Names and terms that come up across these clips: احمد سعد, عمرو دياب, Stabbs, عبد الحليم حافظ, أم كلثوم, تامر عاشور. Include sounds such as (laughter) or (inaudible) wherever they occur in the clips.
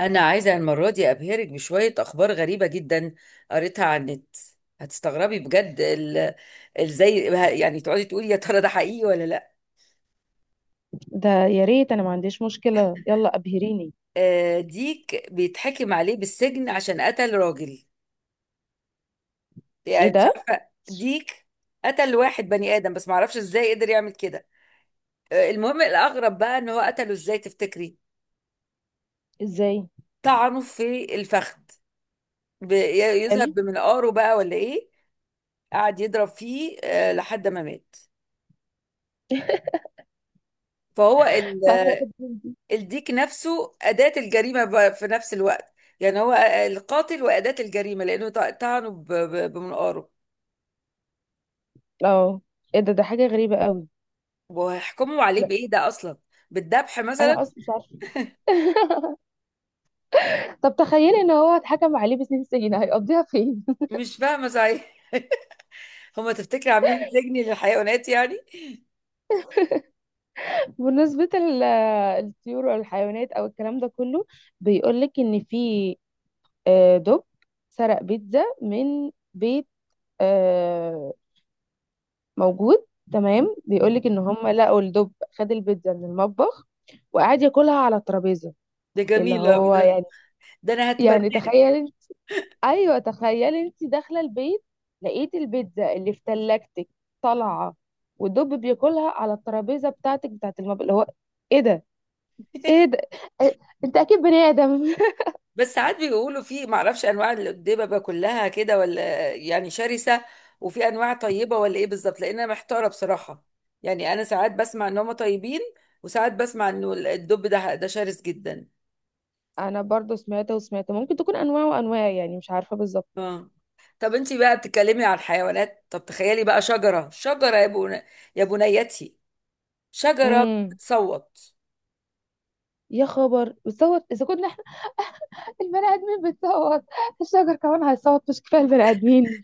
أنا عايزة المرة دي أبهرك بشوية أخبار غريبة جدا قريتها على النت. هتستغربي بجد ازاي؟ يعني تقعدي تقولي يا ترى ده حقيقي ولا لا. ده يا ريت انا ما عنديش مشكلة، يلا ابهريني. ديك بيتحكم عليه بالسجن عشان قتل راجل. ايه يعني مش ده؟ عارفة ديك قتل واحد بني آدم، بس معرفش ازاي قدر يعمل كده. المهم الأغرب بقى، إن هو قتله ازاي تفتكري؟ ازاي؟ طعنه في الفخذ، يذهب حلو. بمنقاره بقى ولا إيه؟ قعد يضرب فيه لحد ما مات. فهو لا واخد مني. الديك نفسه أداة الجريمة في نفس الوقت. يعني هو القاتل وأداة الجريمة، لأنه طعنه بمنقاره. اه، ايه ده؟ ده حاجة غريبة قوي. وهيحكموا عليه لا بإيه ده أصلا؟ بالذبح مثلا؟ انا اصلا مش عارفة. (laughs) طب تخيلي ان هو اتحكم عليه بسنين سجن هيقضيها فين؟ مش فاهمة صحيح. (laughs) هما تفتكر عاملين سجن للحيوانات يعني؟ (laughs) بالنسبة الطيور والحيوانات او الكلام ده كله، بيقولك ان في دب سرق بيتزا من بيت. آه، موجود. تمام، بيقولك ان هم لقوا الدب خد البيتزا من المطبخ وقعد ياكلها على الترابيزة. ده اللي جميل أوي هو ده، يعني. ده أنا يعني هتبناه. تخيل انت، ايوه تخيل انت داخله البيت، لقيت البيتزا اللي في تلاجتك طالعه، ودب بياكلها على الترابيزه بتاعتك بتاعت المطبخ. اللي هو ايه ده؟ (laughs) ايه ده؟ إيه؟ انت اكيد بني ادم. بس ساعات بيقولوا، في معرفش، انواع الدببه كلها كده ولا يعني شرسه، وفي انواع طيبه ولا ايه بالظبط؟ لان انا محتاره بصراحه. يعني انا ساعات بسمع ان هم طيبين، وساعات بسمع انه الدب ده شرس جدا. (laughs) انا برضو سمعت وسمعت، ممكن تكون انواع وانواع، يعني مش عارفه بالظبط. اه. طب انت بقى بتتكلمي عن الحيوانات، طب تخيلي بقى، يا بنيتي، شجره امم. بتصوت. يا خبر، بتصوت اذا كنا احنا (laughs) البني ادمين بتصوت، الشجر كمان هيصوت؟ مش كفايه البني ادمين؟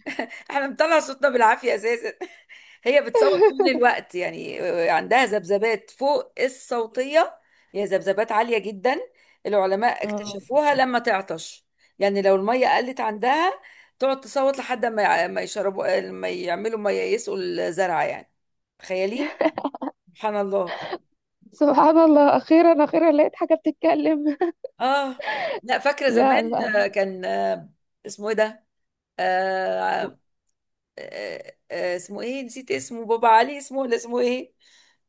احنا بنطلع صوتنا بالعافية اساسا. (laughs) هي بتصوت طول الوقت يعني، عندها ذبذبات فوق الصوتية، هي ذبذبات عالية جدا. العلماء اه. اكتشفوها لما تعطش، يعني لو المية قلت عندها تقعد تصوت لحد ما ما يشربوا، ما يعملوا، ما ييئسوا الزرع يعني. تخيلي، سبحان الله. سبحان الله، اخيرا اخيرا لقيت حاجه بتتكلم. اه. لا فاكرة لا زمان آه، لا. كان آه، اسمه ايه ده؟ آه اسمه ايه، نسيت اسمه، بابا علي اسمه ولا اسمه ايه؟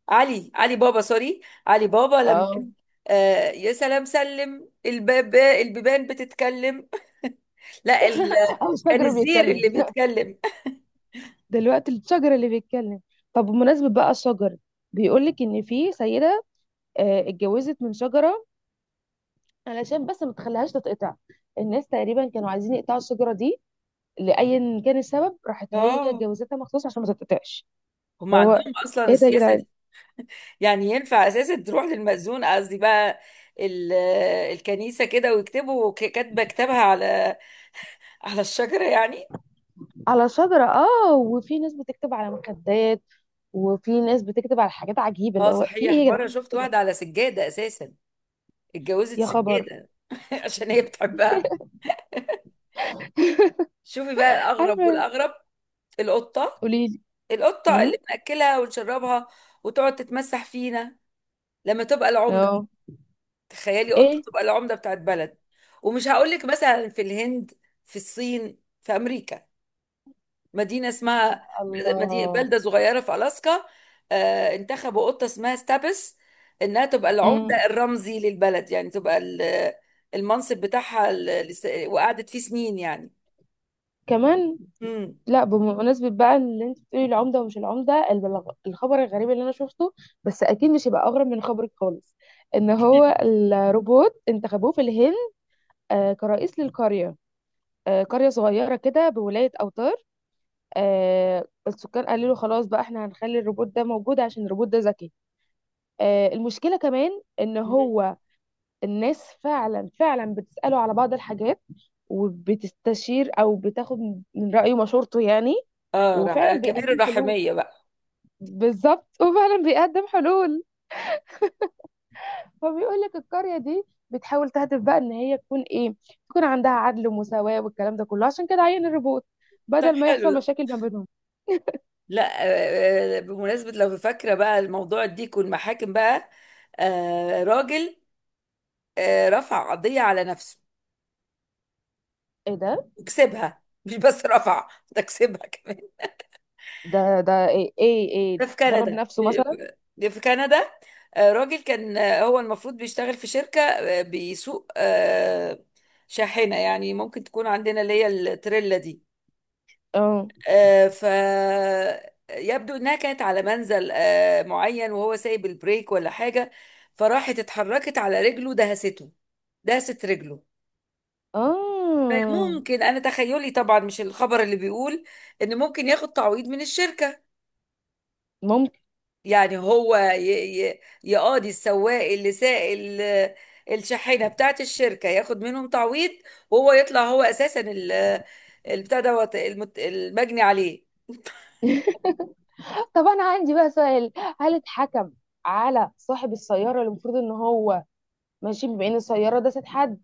علي بابا، سوري، علي بابا لما اه. قال، يا سلام سلم، الباب، البيبان بتتكلم. (laughs) لا ال... (laughs) او كان شجر الزير بيتكلم. اللي بيتكلم. دلوقتي الشجر اللي بيتكلم. طب بمناسبة بقى الشجر، بيقولك ان في سيدة اتجوزت من شجرة علشان بس ما تخليهاش تتقطع. الناس تقريبا كانوا عايزين يقطعوا الشجرة دي، لأيا كان السبب، (laughs) راحت هي اه، اتجوزتها مخصوص عشان ما تتقطعش. هم اللي عندهم هو اصلا ايه ده يا السياسه جدعان؟ دي، يعني ينفع اساسا تروح للمأذون، قصدي بقى ال... الكنيسه كده ويكتبوا كاتبه كتابها على على الشجره يعني؟ على شجرة. اه، وفي ناس بتكتب على مخدات، وفي ناس بتكتب على حاجات عجيبة. اللي اه هو في ايه صحيح، يا مره جدعان، مش شفت كده؟ واحده على سجاده اساسا، اتجوزت يا خبر. سجاده. (laughs) عشان هي بتحبها. شوفي بقى الاغرب عارفة. والاغرب، القطه، قوليلي. القطة امم. اللي بنأكلها ونشربها وتقعد تتمسح فينا، لما تبقى العمدة. اه. تخيلي قطة ايه. تبقى العمدة بتاعت بلد! ومش هقولك مثلا في الهند، في الصين، في أمريكا. مدينة اسمها، مدينة الله. بلدة صغيرة في ألاسكا، آه انتخبوا قطة اسمها ستابس، إنها تبقى مم. العمدة الرمزي للبلد، يعني تبقى المنصب بتاعها وقعدت فيه سنين يعني. كمان. مم. لا، بمناسبة بقى اللي انت بتقولي العمدة ومش العمدة، الخبر الغريب اللي انا شفته، بس اكيد مش هيبقى اغرب من خبرك خالص، ان هو (laughs) الروبوت انتخبوه في الهند كرئيس للقرية. قرية صغيرة كده بولاية أوتار. السكان قالوا له خلاص بقى، احنا هنخلي الروبوت ده موجود عشان الروبوت ده ذكي. المشكلة كمان ان مم. هو الناس فعلا فعلا بتسأله على بعض الحاجات، وبتستشير او بتاخد من رأيه مشورته يعني، اه، وفعلا كبير بيقدم حلول. الرحمية بقى. بالظبط، وفعلا بيقدم حلول. فبيقول لك القرية دي بتحاول تهدف بقى ان هي تكون ايه، تكون عندها عدل ومساواة والكلام ده كله، عشان كده عين الروبوت طب بدل ما حلو يحصل ده. مشاكل ما بينهم. لا بمناسبة لو فاكرة بقى الموضوع، الديك والمحاكم بقى، راجل رفع قضية على نفسه ايه ده؟ وكسبها. (laughs) مش بس رفع، ده كسبها كمان. ده ده ايه ايه, إيه؟ ده في ضرب كندا نفسه مثلا؟ ده في كندا، راجل كان هو المفروض بيشتغل في شركة، بيسوق شاحنة، يعني ممكن تكون عندنا اللي هي التريلا دي. اه. آه، ف يبدو انها كانت على منزل معين وهو سايب البريك ولا حاجه، فراحت اتحركت على رجله، دهسته، دهست رجله. اه فممكن انا تخيلي طبعا، مش الخبر اللي بيقول، ان ممكن ياخد تعويض من الشركه. ممكن. يعني هو يقاضي السواق اللي ساق الشاحنه بتاعت الشركه، ياخد منهم تعويض. وهو يطلع هو اساسا البتاع دوت المجني عليه. طب انا عندي بقى سؤال، هل اتحكم على صاحب السيارة اللي المفروض ان هو ماشي، بما ان السيارة داست حد؟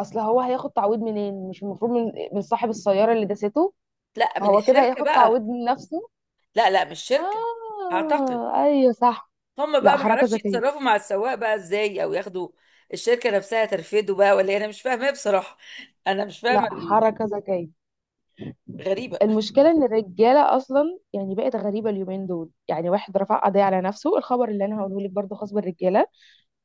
اصل هو هياخد تعويض منين؟ مش المفروض من صاحب السيارة اللي داسته؟ لا من هو كده الشركه هياخد بقى. تعويض من نفسه. لا مش شركة، اعتقد. آه أيوه صح. هم لا، بقى ما حركة اعرفش ذكية. يتصرفوا مع السواق بقى ازاي، او ياخدوا الشركة نفسها ترفده بقى، ولا إيه؟ انا مش فاهمة بصراحة، انا مش لا، فاهمة ال- حركة ذكية. غريبة. المشكلة إن الرجالة أصلا يعني بقت غريبة اليومين دول، يعني واحد رفع قضية على نفسه. الخبر اللي أنا هقوله لك برضه خاص بالرجالة.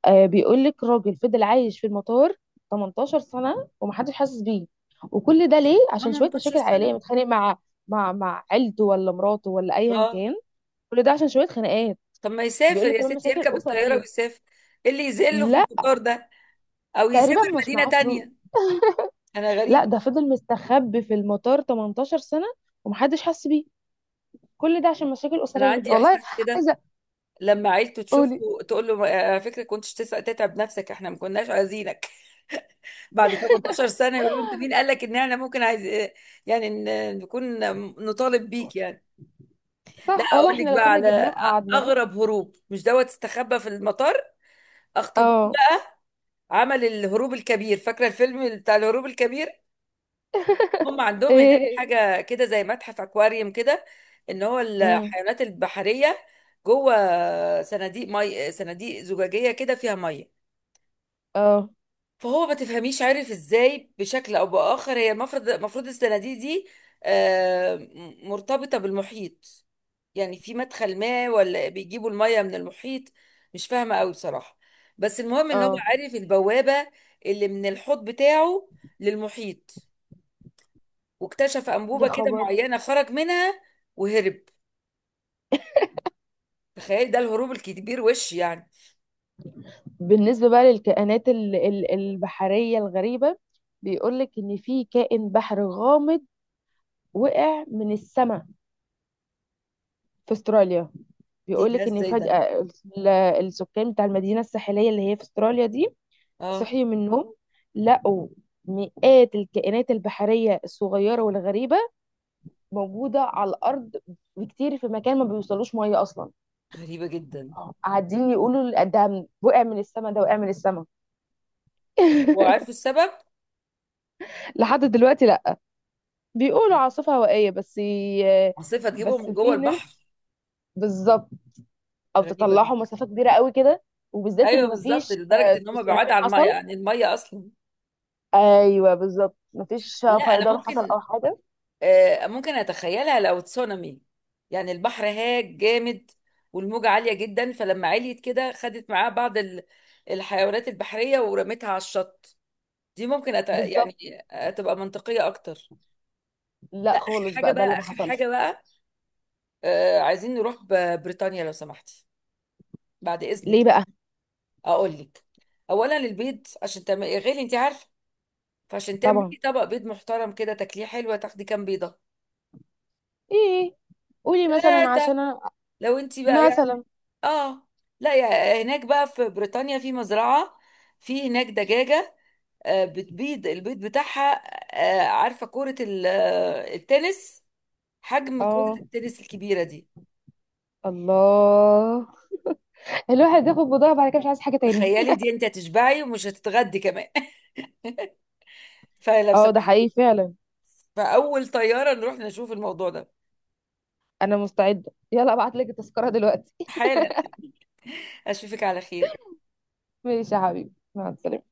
آه، بيقول لك راجل فضل عايش في المطار 18 سنة ومحدش حاسس بيه. وكل ده ليه؟ عشان شوية 18 مشاكل سنة؟ عائلية، متخانق مع مع عيلته ولا مراته ولا أيا اه كان. كل ده عشان شوية خناقات. طب ما يسافر بيقول لك يا كمان ستي، مشاكل يركب الطيارة أسرية. ويسافر، إيه اللي يذله في لا. القطار ده، او تقريبا يسافر مش مدينة معاه فلوس. تانية؟ انا لا، غريبة. ده فضل مستخبي في المطار 18 سنة ومحدش حس بيه. كل ده عشان مشاكل انا أسرية عندي والله. احساس كده، عايزة. لما عيلته تشوفه قولي. تقول له على فكرة كنتش تتعب نفسك، احنا ما كناش عايزينك". بعد 18 سنة يقولوا انت مين قال لك ان احنا ممكن عايز، يعني نكون نطالب بيك يعني. لا صح والله، اقول احنا لك لو بقى كنا على جبناه وقعدناه. اغرب هروب، مش دوت استخبى في المطار، اخطبوط اه. ده عمل الهروب الكبير. فاكرة الفيلم بتاع الهروب الكبير؟ هم عندهم هناك ايه. حاجة كده زي متحف اكواريوم كده، ان هو امم. الحيوانات البحرية جوه صناديق زجاجية كده فيها مية. اه. فهو ما تفهميش عارف ازاي، بشكل او باخر، هي المفروض الصناديق دي مرتبطه بالمحيط، يعني في مدخل ما، ولا بيجيبوا الميه من المحيط، مش فاهمه قوي بصراحه. بس المهم ان هو اه. عارف البوابه اللي من الحوض بتاعه للمحيط، واكتشف يا انبوبه كده خبر. معينه خرج منها وهرب. تخيل، ده الهروب الكبير وش يعني! بالنسبة بقى البحرية الغريبة، بيقولك إن في كائن بحر غامض وقع من السماء في استراليا. ايه ده بيقولك إن ازاي ده؟ فجأة السكان بتاع المدينة الساحلية اللي هي في استراليا دي اه صحيوا من النوم، لقوا مئات الكائنات البحرية الصغيرة والغريبة موجودة على الأرض، بكتير، في مكان ما بيوصلوش مية أصلا. غريبه جدا. قاعدين يقولوا ده وقع من السما، ده وقع من السما. طب وعارفه (laughs) السبب؟ لحد دلوقتي لا، بيقولوا عاصفة هوائية بس عاصفه تجيبهم بس من جوه في البحر؟ ناس، بالظبط، او غريبه جدا. تطلعوا مسافة كبيرة قوي كده. وبالذات ايوه ان بالظبط، مفيش لدرجه ان هم بعاد تسونامي عن الميه، حصل. اصلا. ايوه بالظبط، مفيش لا انا فيضان حصل ممكن، او حاجة. ممكن اتخيلها لو تسونامي، يعني البحر هاج جامد والموجه عاليه جدا، فلما عليت كده خدت معاه بعض الحيوانات البحريه ورمتها على الشط. بالظبط. يعني تبقى منطقيه اكتر. لا لا اخر خالص حاجه بقى، ده اللي بقى، ما حصلش. عايزين نروح بريطانيا لو سمحتي، بعد اذنك. ليه بقى؟ اقول لك، اولا البيض، عشان تعملي غالي انت عارفه، فعشان تعملي طبعا. طبق بيض محترم كده تاكليه حلوه، تاخدي كام بيضه؟ ايه؟ قولي مثلا ثلاثه عشان أنا. لو انت بقى يعني. مثلا. اه، لا يا هناك بقى في بريطانيا، في مزرعه، في هناك دجاجه بتبيض البيض بتاعها عارفه كره التنس، حجم كره اه. التنس الكبيره دي. الله. الواحد ياخد بضاعة بعد كده مش عايز حاجة تاني. تخيلي (laughs) دي، انت هتشبعي ومش هتتغدي كمان. (laughs) فلو اه ده سمحت، حقيقي فعلا. فاول طياره نروح نشوف الموضوع ده، انا مستعدة، يلا ابعت لك التذكرة دلوقتي. (laughs) حالا. اشوفك على خير. ماشي يا حبيبي، مع السلامة.